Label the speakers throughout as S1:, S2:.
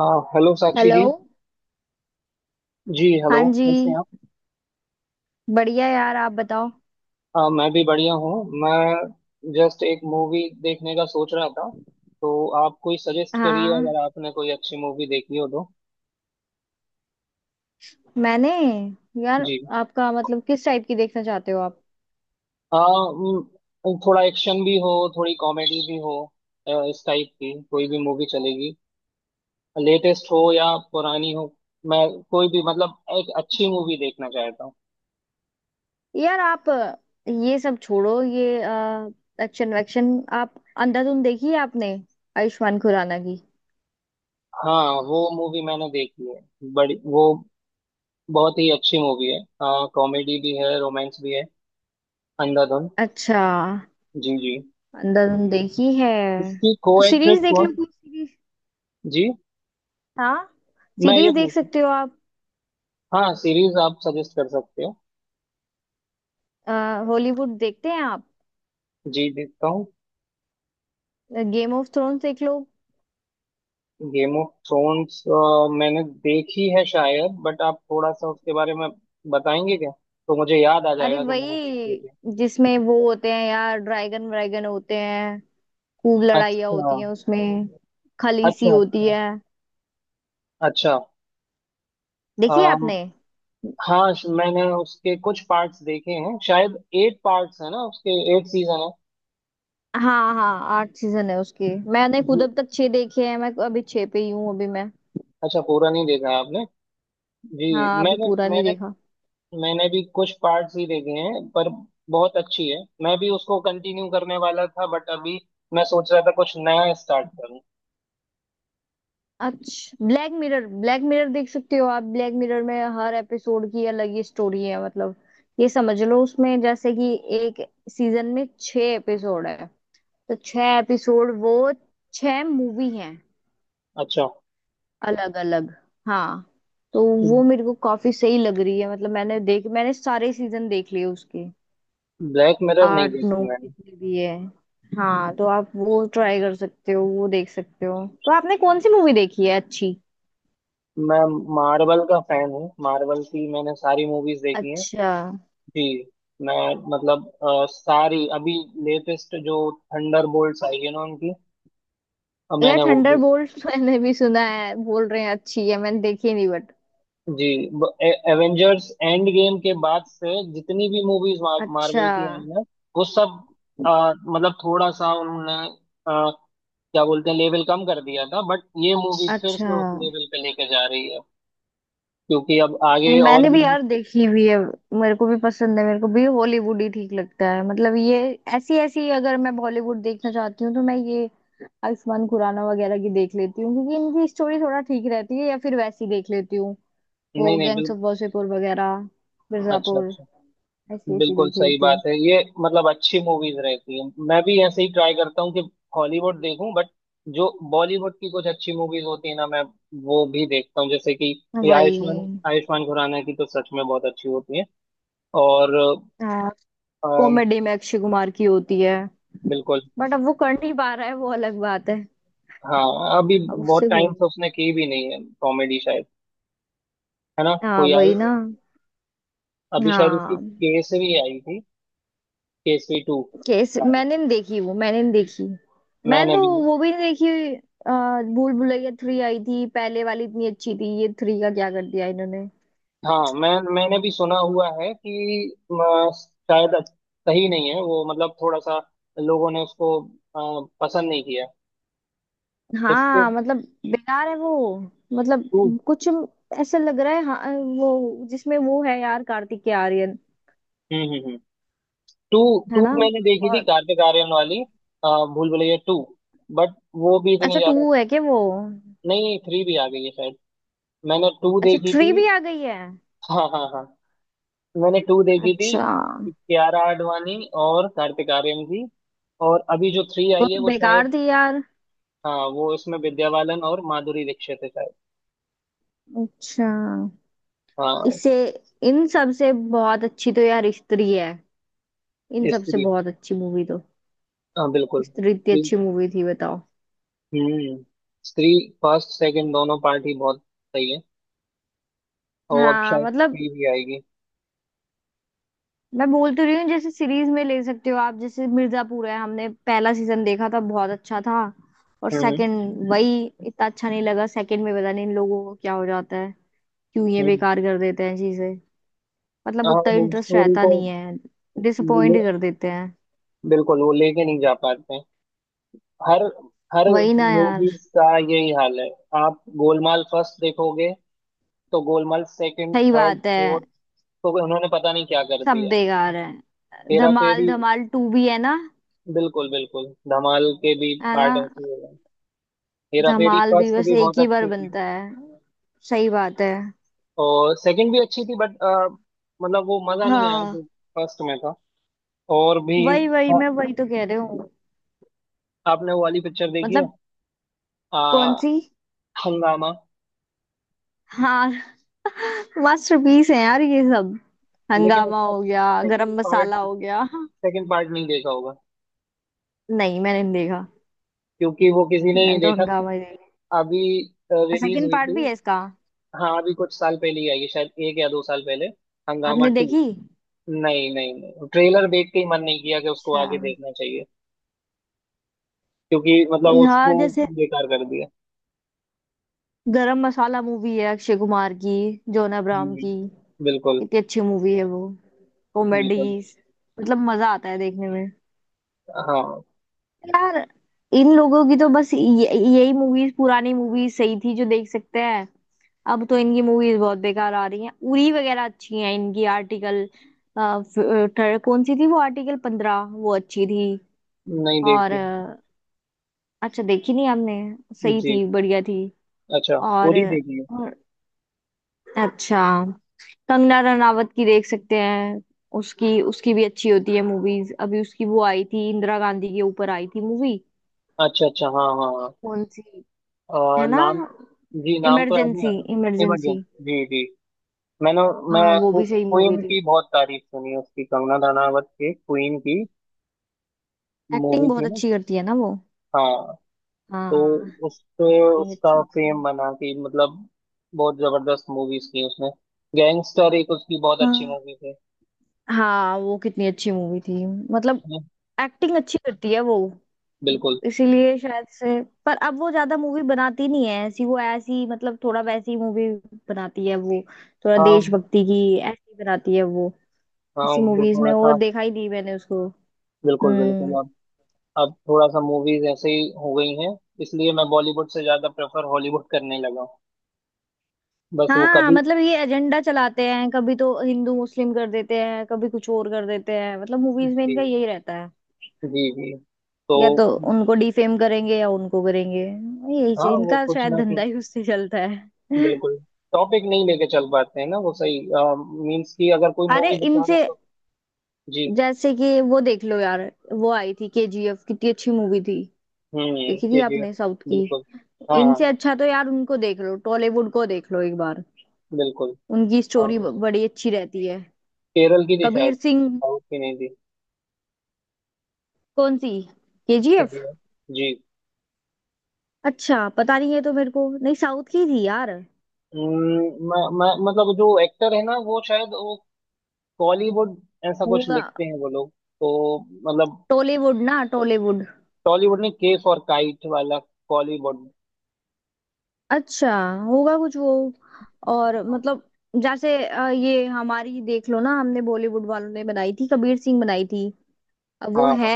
S1: आ, hello Sakshi
S2: hello.
S1: जी। जी hello.
S2: हाँ जी,
S1: कैसे हैं आप?
S2: बढ़िया यार, आप बताओ।
S1: मैं भी बढ़िया हूँ। मैं जस्ट एक मूवी देखने का सोच रहा था, तो आप कोई सजेस्ट करिए
S2: हाँ,
S1: अगर आपने कोई अच्छी मूवी देखी हो तो।
S2: मैंने, यार
S1: जी।
S2: आपका मतलब किस टाइप की देखना चाहते हो आप?
S1: थोड़ा एक्शन भी हो, थोड़ी कॉमेडी भी हो। इस टाइप की कोई भी मूवी चलेगी, लेटेस्ट हो या पुरानी हो। मैं कोई भी मतलब एक अच्छी मूवी देखना चाहता हूँ।
S2: यार आप ये सब छोड़ो, ये एक्शन वैक्शन। आप अंधाधुन देखी है आपने, आयुष्मान खुराना की?
S1: हाँ, वो मूवी मैंने देखी है, बड़ी वो बहुत ही अच्छी मूवी है। हाँ, कॉमेडी भी है, रोमांस भी है। अंधाधुन।
S2: अच्छा,
S1: जी जी।
S2: अंधाधुन देखी है।
S1: इसकी को
S2: तो
S1: एक्ट्रेस
S2: सीरीज देख
S1: कौन?
S2: लो, कोई सीरीज।
S1: जी।
S2: हाँ,
S1: मैं ये
S2: सीरीज देख
S1: पूछ।
S2: सकते हो आप।
S1: हाँ, सीरीज आप सजेस्ट कर सकते हो।
S2: हॉलीवुड देखते हैं आप?
S1: जी, देखता हूँ।
S2: गेम ऑफ थ्रोन्स देख लो।
S1: गेम ऑफ थ्रोन्स मैंने देखी है शायद, बट आप थोड़ा सा उसके बारे में बताएंगे क्या? तो मुझे याद आ
S2: अरे
S1: जाएगा कि मैंने देखी है
S2: वही,
S1: क्या।
S2: जिसमें वो होते हैं यार, ड्रैगन व्रैगन होते हैं, खूब लड़ाइयाँ
S1: अच्छा।
S2: होती हैं उसमें, खलीसी
S1: अच्छा।
S2: होती
S1: अच्छा।
S2: है।
S1: अच्छा।
S2: देखिए
S1: अम,
S2: आपने?
S1: हाँ, मैंने उसके कुछ पार्ट्स देखे हैं, शायद 8 पार्ट्स है ना उसके। 8 सीजन
S2: हाँ हाँ, आठ सीजन है उसकी। मैंने
S1: है।
S2: खुद अब तक छह देखे हैं, मैं अभी छह पे ही हूँ अभी मैं।
S1: अच्छा, पूरा नहीं देखा आपने? जी।
S2: हाँ, अभी
S1: मैंने
S2: पूरा नहीं
S1: मैंने
S2: देखा।
S1: मैंने भी कुछ पार्ट्स ही देखे हैं पर बहुत अच्छी है, मैं भी उसको कंटिन्यू करने वाला था बट अभी मैं सोच रहा था कुछ नया स्टार्ट करूं।
S2: अच्छा, ब्लैक मिरर, ब्लैक मिरर देख सकते हो आप। ब्लैक मिरर में हर एपिसोड की अलग ही स्टोरी है, मतलब ये समझ लो उसमें जैसे कि एक सीजन में छह एपिसोड है, तो छह एपिसोड वो छह मूवी हैं,
S1: अच्छा,
S2: अलग अलग। हाँ, तो वो मेरे को काफी सही लग रही है, मतलब मैंने देख, मैंने सारे सीजन देख लिए उसके,
S1: ब्लैक मिरर नहीं
S2: आठ नौ
S1: देखी मैंने।
S2: जितने भी है। हाँ तो आप वो ट्राई कर सकते हो, वो देख सकते हो। तो आपने कौन सी मूवी देखी है अच्छी?
S1: मैं मार्वल का फैन हूँ, मार्वल की मैंने सारी मूवीज देखी हैं।
S2: अच्छा,
S1: जी। मैं मतलब सारी अभी, लेटेस्ट जो थंडर बोल्ट्स आई है ना उनकी,
S2: यार
S1: मैंने वो
S2: थंडर
S1: भी।
S2: बोल्ट मैंने भी सुना है, बोल रहे हैं अच्छी है, मैंने देखी नहीं बट।
S1: जी। एवेंजर्स एंड गेम के बाद से जितनी भी मूवीज
S2: अच्छा।
S1: मार्वल की आई हैं वो सब, मतलब थोड़ा सा उन्होंने, अ, क्या बोलते हैं लेवल कम कर दिया था, बट ये मूवी फिर से
S2: अच्छा,
S1: उस लेवल पे लेके जा रही है क्योंकि अब आगे और
S2: मैंने
S1: भी।
S2: भी यार देखी हुई है, मेरे को भी पसंद है, मेरे को भी हॉलीवुड ही ठीक लगता है। मतलब ये ऐसी ऐसी, अगर मैं बॉलीवुड देखना चाहती हूँ तो मैं ये आयुष्मान खुराना वगैरह की देख लेती हूँ, क्योंकि इनकी स्टोरी थोड़ा ठीक रहती है, या फिर वैसी देख लेती हूँ,
S1: नहीं
S2: वो
S1: नहीं,
S2: गैंग्स
S1: बिल्कुल।
S2: ऑफ वासेपुर वगैरह,
S1: अच्छा
S2: मिर्जापुर,
S1: अच्छा।
S2: ऐसी ऐसी
S1: बिल्कुल
S2: देख
S1: सही
S2: लेती हूँ।
S1: बात है ये, मतलब अच्छी मूवीज रहती है, मैं भी ऐसे ही ट्राई करता हूँ कि हॉलीवुड देखूं बट जो बॉलीवुड की कुछ अच्छी मूवीज होती है ना, मैं वो भी देखता हूँ, जैसे कि ये
S2: वही।
S1: आयुष्मान आयुष्मान खुराना की तो सच में बहुत अच्छी होती है। और
S2: हाँ।
S1: अम,
S2: कॉमेडी में अक्षय कुमार की होती है,
S1: बिल्कुल।
S2: बट अब वो कर नहीं पा रहा है, वो अलग बात है।
S1: हाँ, अभी
S2: अब
S1: बहुत
S2: उससे
S1: टाइम
S2: वो-
S1: से उसने की भी नहीं है कॉमेडी शायद, है ना
S2: हाँ,
S1: कोई
S2: वही
S1: आई?
S2: ना।
S1: अभी शायद उसकी
S2: हाँ,
S1: केसरी आई थी, केसरी टू।
S2: केस मैंने नहीं देखी, वो मैंने नहीं देखी। मैंने
S1: मैंने
S2: तो
S1: भी।
S2: वो भी नहीं देखी। भूल भुलैया थ्री आई थी, पहले वाली इतनी अच्छी थी, ये थ्री का क्या कर दिया इन्होंने।
S1: हाँ, मैंने भी सुना हुआ है कि अ, शायद सही नहीं है वो, मतलब थोड़ा सा लोगों ने उसको पसंद नहीं किया। इसके
S2: हाँ मतलब बेकार है वो, मतलब
S1: टू।
S2: कुछ ऐसा लग रहा है। हाँ वो जिसमें वो है यार, कार्तिक के आर्यन
S1: हम्म। टू।
S2: है
S1: टू
S2: ना।
S1: मैंने देखी थी
S2: और
S1: कार्तिक आर्यन वाली, भूल भुलैया टू, बट वो भी इतनी
S2: अच्छा,
S1: ज्यादा।
S2: टू है क्या वो?
S1: नहीं, थ्री भी आ गई है शायद, मैंने टू
S2: अच्छा,
S1: देखी
S2: थ्री
S1: थी।
S2: भी आ गई है।
S1: हाँ हाँ हाँ, मैंने टू देखी थी,
S2: अच्छा,
S1: कियारा आडवाणी और कार्तिक आर्यन की। और अभी जो थ्री
S2: वो
S1: आई
S2: तो
S1: है वो
S2: बेकार
S1: शायद,
S2: थी यार।
S1: हाँ, वो इसमें विद्या बालन और माधुरी दीक्षित है शायद।
S2: अच्छा,
S1: हाँ,
S2: इससे, इन सब से बहुत अच्छी तो यार स्त्री है, इन सबसे
S1: स्त्री।
S2: बहुत अच्छी मूवी तो।
S1: हाँ, बिल्कुल
S2: स्त्री इतनी
S1: स्त्री।
S2: अच्छी मूवी थी, बताओ।
S1: हम्म। स्त्री फर्स्ट सेकंड दोनों पार्ट ही बहुत सही है, और अब
S2: हाँ
S1: शायद
S2: मतलब,
S1: थ्री भी आएगी।
S2: मैं बोल तो रही हूँ, जैसे सीरीज में ले सकते हो आप, जैसे मिर्जापुर है, हमने पहला सीजन देखा था, बहुत अच्छा था। और
S1: हम्म
S2: सेकंड वही, इतना अच्छा नहीं लगा सेकंड में। पता नहीं इन लोगों को क्या हो जाता है, क्यों ये
S1: हम्म हम्म।
S2: बेकार कर देते हैं चीजें, मतलब
S1: हाँ,
S2: उतना
S1: वो
S2: इंटरेस्ट
S1: स्टोरी
S2: रहता
S1: को,
S2: नहीं है,
S1: ले,
S2: डिसअपॉइंट कर देते हैं।
S1: बिल्कुल वो लेके नहीं जा पाते हैं। हर हर
S2: वही ना यार।
S1: मूवीज का यही हाल है। आप गोलमाल फर्स्ट देखोगे तो गोलमाल सेकंड
S2: सही
S1: थर्ड
S2: बात है,
S1: फोर्थ, तो उन्होंने पता नहीं क्या कर
S2: सब
S1: दिया।
S2: बेकार है।
S1: हेरा
S2: धमाल,
S1: फेरी।
S2: धमाल टू भी है ना,
S1: बिल्कुल बिल्कुल, धमाल के भी
S2: है ना।
S1: पार्ट ऐसे ही हो गए। हेरा फेरी
S2: धमाल भी
S1: फर्स्ट
S2: बस
S1: भी
S2: एक
S1: बहुत
S2: ही बार
S1: अच्छी थी,
S2: बनता है। सही बात है।
S1: और सेकंड भी अच्छी थी बट मतलब वो मजा नहीं आया जो
S2: हाँ,
S1: फर्स्ट में था। और भी।
S2: वही वही,
S1: हाँ,
S2: मैं वही तो कह रही हूँ।
S1: आपने वो वाली पिक्चर देखी है,
S2: मतलब,
S1: आ,
S2: कौन सी?
S1: हंगामा?
S2: हाँ, मास्टरपीस है यार ये सब।
S1: लेकिन
S2: हंगामा
S1: उसका
S2: हो गया, गरम मसाला हो गया।
S1: सेकंड पार्ट नहीं देखा होगा,
S2: नहीं, मैंने नहीं देखा,
S1: क्योंकि वो किसी ने नहीं
S2: मैं तो
S1: देखा।
S2: हंगामा ही देखा।
S1: अभी रिलीज
S2: सेकंड
S1: हुई
S2: पार्ट भी
S1: थी।
S2: है इसका?
S1: हाँ, अभी कुछ साल पहले ही आई है शायद, 1 या 2 साल पहले, हंगामा
S2: आपने
S1: टू।
S2: देखी?
S1: नहीं नहीं नहीं, ट्रेलर देख के ही मन नहीं किया कि उसको
S2: अच्छा।
S1: आगे देखना चाहिए, क्योंकि मतलब
S2: और यहाँ
S1: उसको
S2: जैसे
S1: बेकार कर दिया।
S2: गरम मसाला मूवी है अक्षय कुमार की, जॉन अब्राहम
S1: हम्म,
S2: की,
S1: बिल्कुल
S2: कितनी अच्छी मूवी है वो। कॉमेडी,
S1: बिल्कुल।
S2: मतलब मजा आता है देखने।
S1: हाँ।
S2: यार इन लोगों की तो बस ये-, यही मूवीज, पुरानी मूवीज सही थी जो देख सकते हैं। अब तो इनकी मूवीज बहुत बेकार आ रही हैं। उरी वगैरह अच्छी हैं इनकी। आर्टिकल, कौन सी थी वो, आर्टिकल 15, वो अच्छी थी।
S1: नहीं
S2: और
S1: देखी।
S2: अच्छा, देखी नहीं हमने। सही
S1: जी।
S2: थी, बढ़िया थी।
S1: अच्छा,
S2: और,
S1: उरी देखी है।
S2: और अच्छा, कंगना रनावत की देख सकते हैं, उसकी, उसकी भी अच्छी होती है मूवीज। अभी उसकी वो आई थी, इंदिरा गांधी के ऊपर आई थी मूवी,
S1: अच्छा अच्छा हाँ हाँ हाँ।
S2: कौन सी, है ना,
S1: नाम, जी नाम तो याद नहीं आ
S2: इमरजेंसी,
S1: रहा,
S2: इमरजेंसी।
S1: इमरजेंसी। जी जी। मैंने, मैं
S2: हाँ, वो भी सही मूवी
S1: क्वीन
S2: थी।
S1: की बहुत तारीफ सुनी है उसकी, कंगना रनावत की, क्वीन की
S2: एक्टिंग
S1: मूवी
S2: बहुत
S1: थी ना?
S2: अच्छी करती है ना वो।
S1: हाँ, तो
S2: हाँ,
S1: उससे
S2: एक्टिंग
S1: उसका
S2: अच्छी
S1: फेम
S2: थी।
S1: बना कि, मतलब बहुत जबरदस्त मूवीज की उसने, गैंगस्टर, एक उसकी बहुत अच्छी
S2: हाँ
S1: मूवी थी, है
S2: हाँ, वो कितनी अच्छी मूवी थी, मतलब
S1: ना?
S2: एक्टिंग अच्छी करती है वो,
S1: बिल्कुल।
S2: इसीलिए शायद से। पर अब वो ज्यादा मूवी बनाती नहीं है ऐसी, वो ऐसी मतलब थोड़ा वैसी मूवी बनाती है वो, थोड़ा
S1: हाँ
S2: देशभक्ति की ऐसी बनाती है वो।
S1: हाँ,
S2: इसी
S1: वो
S2: मूवीज
S1: थोड़ा
S2: में वो
S1: सा,
S2: देखा ही नहीं मैंने उसको।
S1: बिल्कुल बिल्कुल,
S2: हम्म।
S1: अब थोड़ा सा मूवीज ऐसे ही हो गई हैं, इसलिए मैं बॉलीवुड से ज्यादा प्रेफर हॉलीवुड करने लगा हूँ, बस वो
S2: हाँ
S1: कभी।
S2: मतलब, ये एजेंडा चलाते हैं, कभी तो हिंदू मुस्लिम कर देते हैं, कभी कुछ और कर देते हैं, मतलब मूवीज में
S1: जी
S2: इनका यही रहता है।
S1: जी जी। तो
S2: या तो उनको डिफेम करेंगे, या उनको करेंगे, यही
S1: हाँ,
S2: चाहिए
S1: वो
S2: इनका,
S1: कुछ
S2: शायद
S1: ना कुछ,
S2: धंधा ही उससे चलता है।
S1: बिल्कुल, टॉपिक नहीं लेके चल पाते हैं ना वो सही, मीन्स कि अगर कोई
S2: अरे
S1: मूवी दिखा रहा है
S2: इनसे,
S1: तो। जी।
S2: जैसे कि वो देख लो यार, वो आई थी केजीएफ, कितनी अच्छी मूवी थी।
S1: हम्म,
S2: देखी थी
S1: केजीएफ।
S2: आपने, साउथ की?
S1: बिल्कुल। हाँ हाँ।
S2: इनसे अच्छा तो यार उनको देख लो, टॉलीवुड को देख लो एक बार,
S1: बिल्कुल।
S2: उनकी
S1: हाँ,
S2: स्टोरी बड़ी अच्छी रहती है।
S1: केरल की थी
S2: कबीर
S1: शायद,
S2: सिंह।
S1: साउथ की नहीं थी।
S2: कौन सी? केजीएफ।
S1: केजीएफ। जी जी।
S2: अच्छा, पता नहीं है, तो मेरे को नहीं, साउथ की थी यार।
S1: हम्म, मैं मतलब जो एक्टर है ना वो शायद वो कॉलीवुड, ऐसा कुछ
S2: होगा।
S1: लिखते हैं वो लोग, तो मतलब
S2: टॉलीवुड, ना टॉलीवुड।
S1: टॉलीवुड ने केफ और काइट वाला, कॉलीवुड।
S2: अच्छा, होगा कुछ वो। और मतलब, जैसे ये हमारी देख लो ना, हमने बॉलीवुड वालों ने बनाई थी कबीर सिंह, बनाई थी। अब वो
S1: हाँ।
S2: है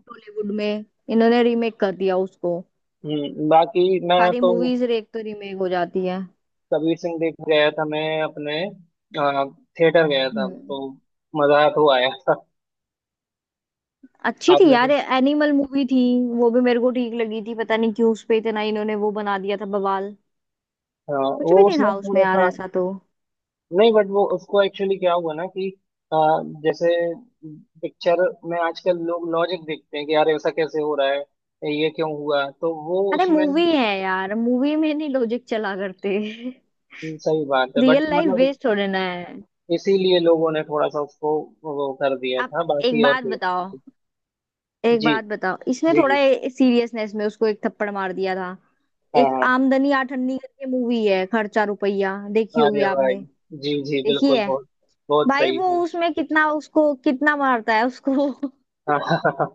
S2: टॉलीवुड में, इन्होंने रीमेक कर दिया उसको।
S1: बाकी मैं
S2: सारी
S1: तो
S2: मूवीज एक तो रीमेक हो जाती है।
S1: कबीर सिंह देख गया था, मैं अपने थिएटर गया था
S2: हम्म।
S1: तो मजा तो आया था।
S2: अच्छी थी
S1: आपने
S2: यार,
S1: देख।
S2: एनिमल मूवी थी, वो भी मेरे को ठीक लगी थी। पता नहीं क्यों उस पे इतना इन्होंने वो बना दिया था, बवाल।
S1: हाँ,
S2: कुछ
S1: वो
S2: भी नहीं
S1: उसमें
S2: था उसमें
S1: थोड़ा
S2: यार
S1: सा,
S2: ऐसा तो।
S1: नहीं बट वो उसको एक्चुअली क्या हुआ ना कि अ, जैसे पिक्चर में आजकल लोग लॉजिक देखते हैं कि यार ऐसा कैसे हो रहा है, ये क्यों हुआ, तो वो
S2: अरे
S1: उसमें।
S2: मूवी है यार, मूवी में नहीं लॉजिक चला करते,
S1: सही बात है बट
S2: रियल लाइफ
S1: मतलब
S2: वेस्ट हो रहना है।
S1: इसीलिए लोगों ने थोड़ा सा उसको वो कर दिया
S2: आप
S1: था,
S2: एक
S1: बाकी और
S2: बात
S1: कोई
S2: बताओ,
S1: बात नहीं थी।
S2: एक
S1: जी
S2: बात बताओ, इसने
S1: जी
S2: थोड़ा
S1: जी।
S2: सीरियसनेस में उसको एक थप्पड़ मार दिया था।
S1: हाँ
S2: एक
S1: हाँ।
S2: आमदनी आठन्नी करके मूवी है, खर्चा रुपया, देखी होगी
S1: अरे भाई।
S2: आपने।
S1: जी जी,
S2: देखी
S1: बिल्कुल,
S2: है?
S1: बहुत बहुत
S2: भाई
S1: सही
S2: वो
S1: है।
S2: उसमें कितना, उसको कितना मारता है उसको।
S1: हाँ हाँ हाँ हाँ,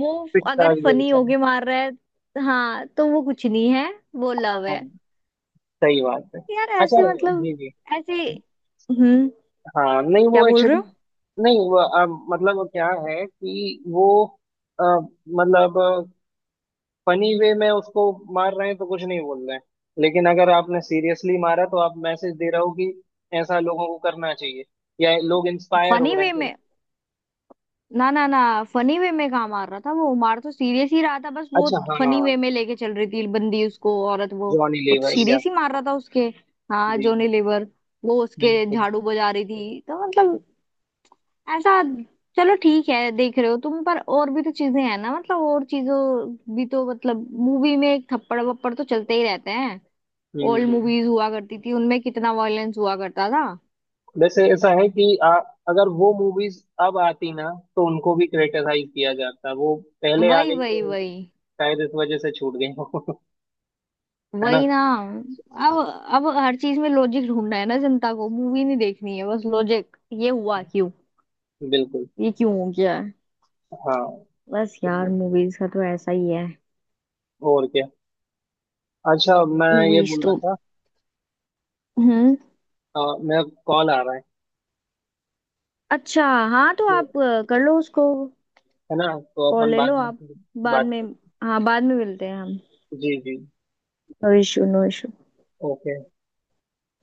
S2: वो,
S1: पिटता
S2: अगर
S1: भी है
S2: फनी
S1: बेचारा।
S2: होके मार रहा है, हाँ, तो वो कुछ नहीं है, वो लव
S1: हाँ,
S2: है।
S1: सही बात है।
S2: यार
S1: अच्छा।
S2: ऐसे मतलब,
S1: जी जी।
S2: ऐसे। हम्म,
S1: हाँ नहीं,
S2: क्या
S1: वो
S2: बोल रहे
S1: एक्चुअली,
S2: हो?
S1: नहीं वो मतलब वो क्या है कि वो, अ, मतलब फनी वे में उसको मार रहे हैं तो कुछ नहीं बोल रहे हैं, लेकिन अगर आपने सीरियसली मारा तो आप मैसेज दे रहे हो कि ऐसा लोगों को करना चाहिए या लोग इंस्पायर हो
S2: फनी
S1: रहे हैं
S2: वे
S1: तो-
S2: में, ना ना ना, फनी वे में कहाँ मार रहा था वो, मार तो सीरियस ही रहा था, बस वो
S1: अच्छा हाँ।
S2: फनी वे में लेके चल रही थी बंदी उसको, औरत वो।
S1: जॉनी
S2: वो तो
S1: लीवर या।
S2: सीरियस ही मार रहा था उसके। हाँ,
S1: जी।
S2: जोनी लीवर, वो उसके
S1: बिल्कुल।
S2: झाड़ू बजा रही थी तो, मतलब ऐसा। चलो ठीक है, देख रहे हो तुम, पर और भी तो चीजें हैं ना, मतलब और चीजों भी तो, मतलब मूवी में एक थप्पड़ वप्पड़ तो चलते ही रहते हैं।
S1: हम्म
S2: ओल्ड
S1: हम्म।
S2: मूवीज हुआ करती थी, उनमें कितना वायलेंस हुआ करता था।
S1: वैसे ऐसा है कि अगर वो मूवीज अब आती ना तो उनको भी क्रिटिसाइज किया जाता, वो पहले आ
S2: वही
S1: गई
S2: वही
S1: तो
S2: वही।
S1: शायद इस वजह से छूट गई हो है ना।
S2: वही ना। अब अब हर चीज में लॉजिक ढूंढना है ना जनता को, मूवी नहीं देखनी है, बस लॉजिक, ये हुआ क्यों,
S1: बिल्कुल।
S2: ये क्यों हो गया है।
S1: हाँ,
S2: बस यार
S1: तो
S2: मूवीज का तो ऐसा ही है।
S1: और क्या। अच्छा, मैं ये
S2: मूवीज
S1: बोल रहा
S2: तो,
S1: था,
S2: हम्म।
S1: आ, मेरा कॉल आ रहा है,
S2: अच्छा, हाँ, तो
S1: तो
S2: आप कर लो उसको,
S1: है ना, तो
S2: कॉल
S1: अपन
S2: ले
S1: बाद
S2: लो
S1: में
S2: आप,
S1: फिर
S2: बाद
S1: बात
S2: में।
S1: करते
S2: हाँ, बाद में मिलते हैं हम।
S1: हैं। जी जी।
S2: No issue, no issue.
S1: Okay.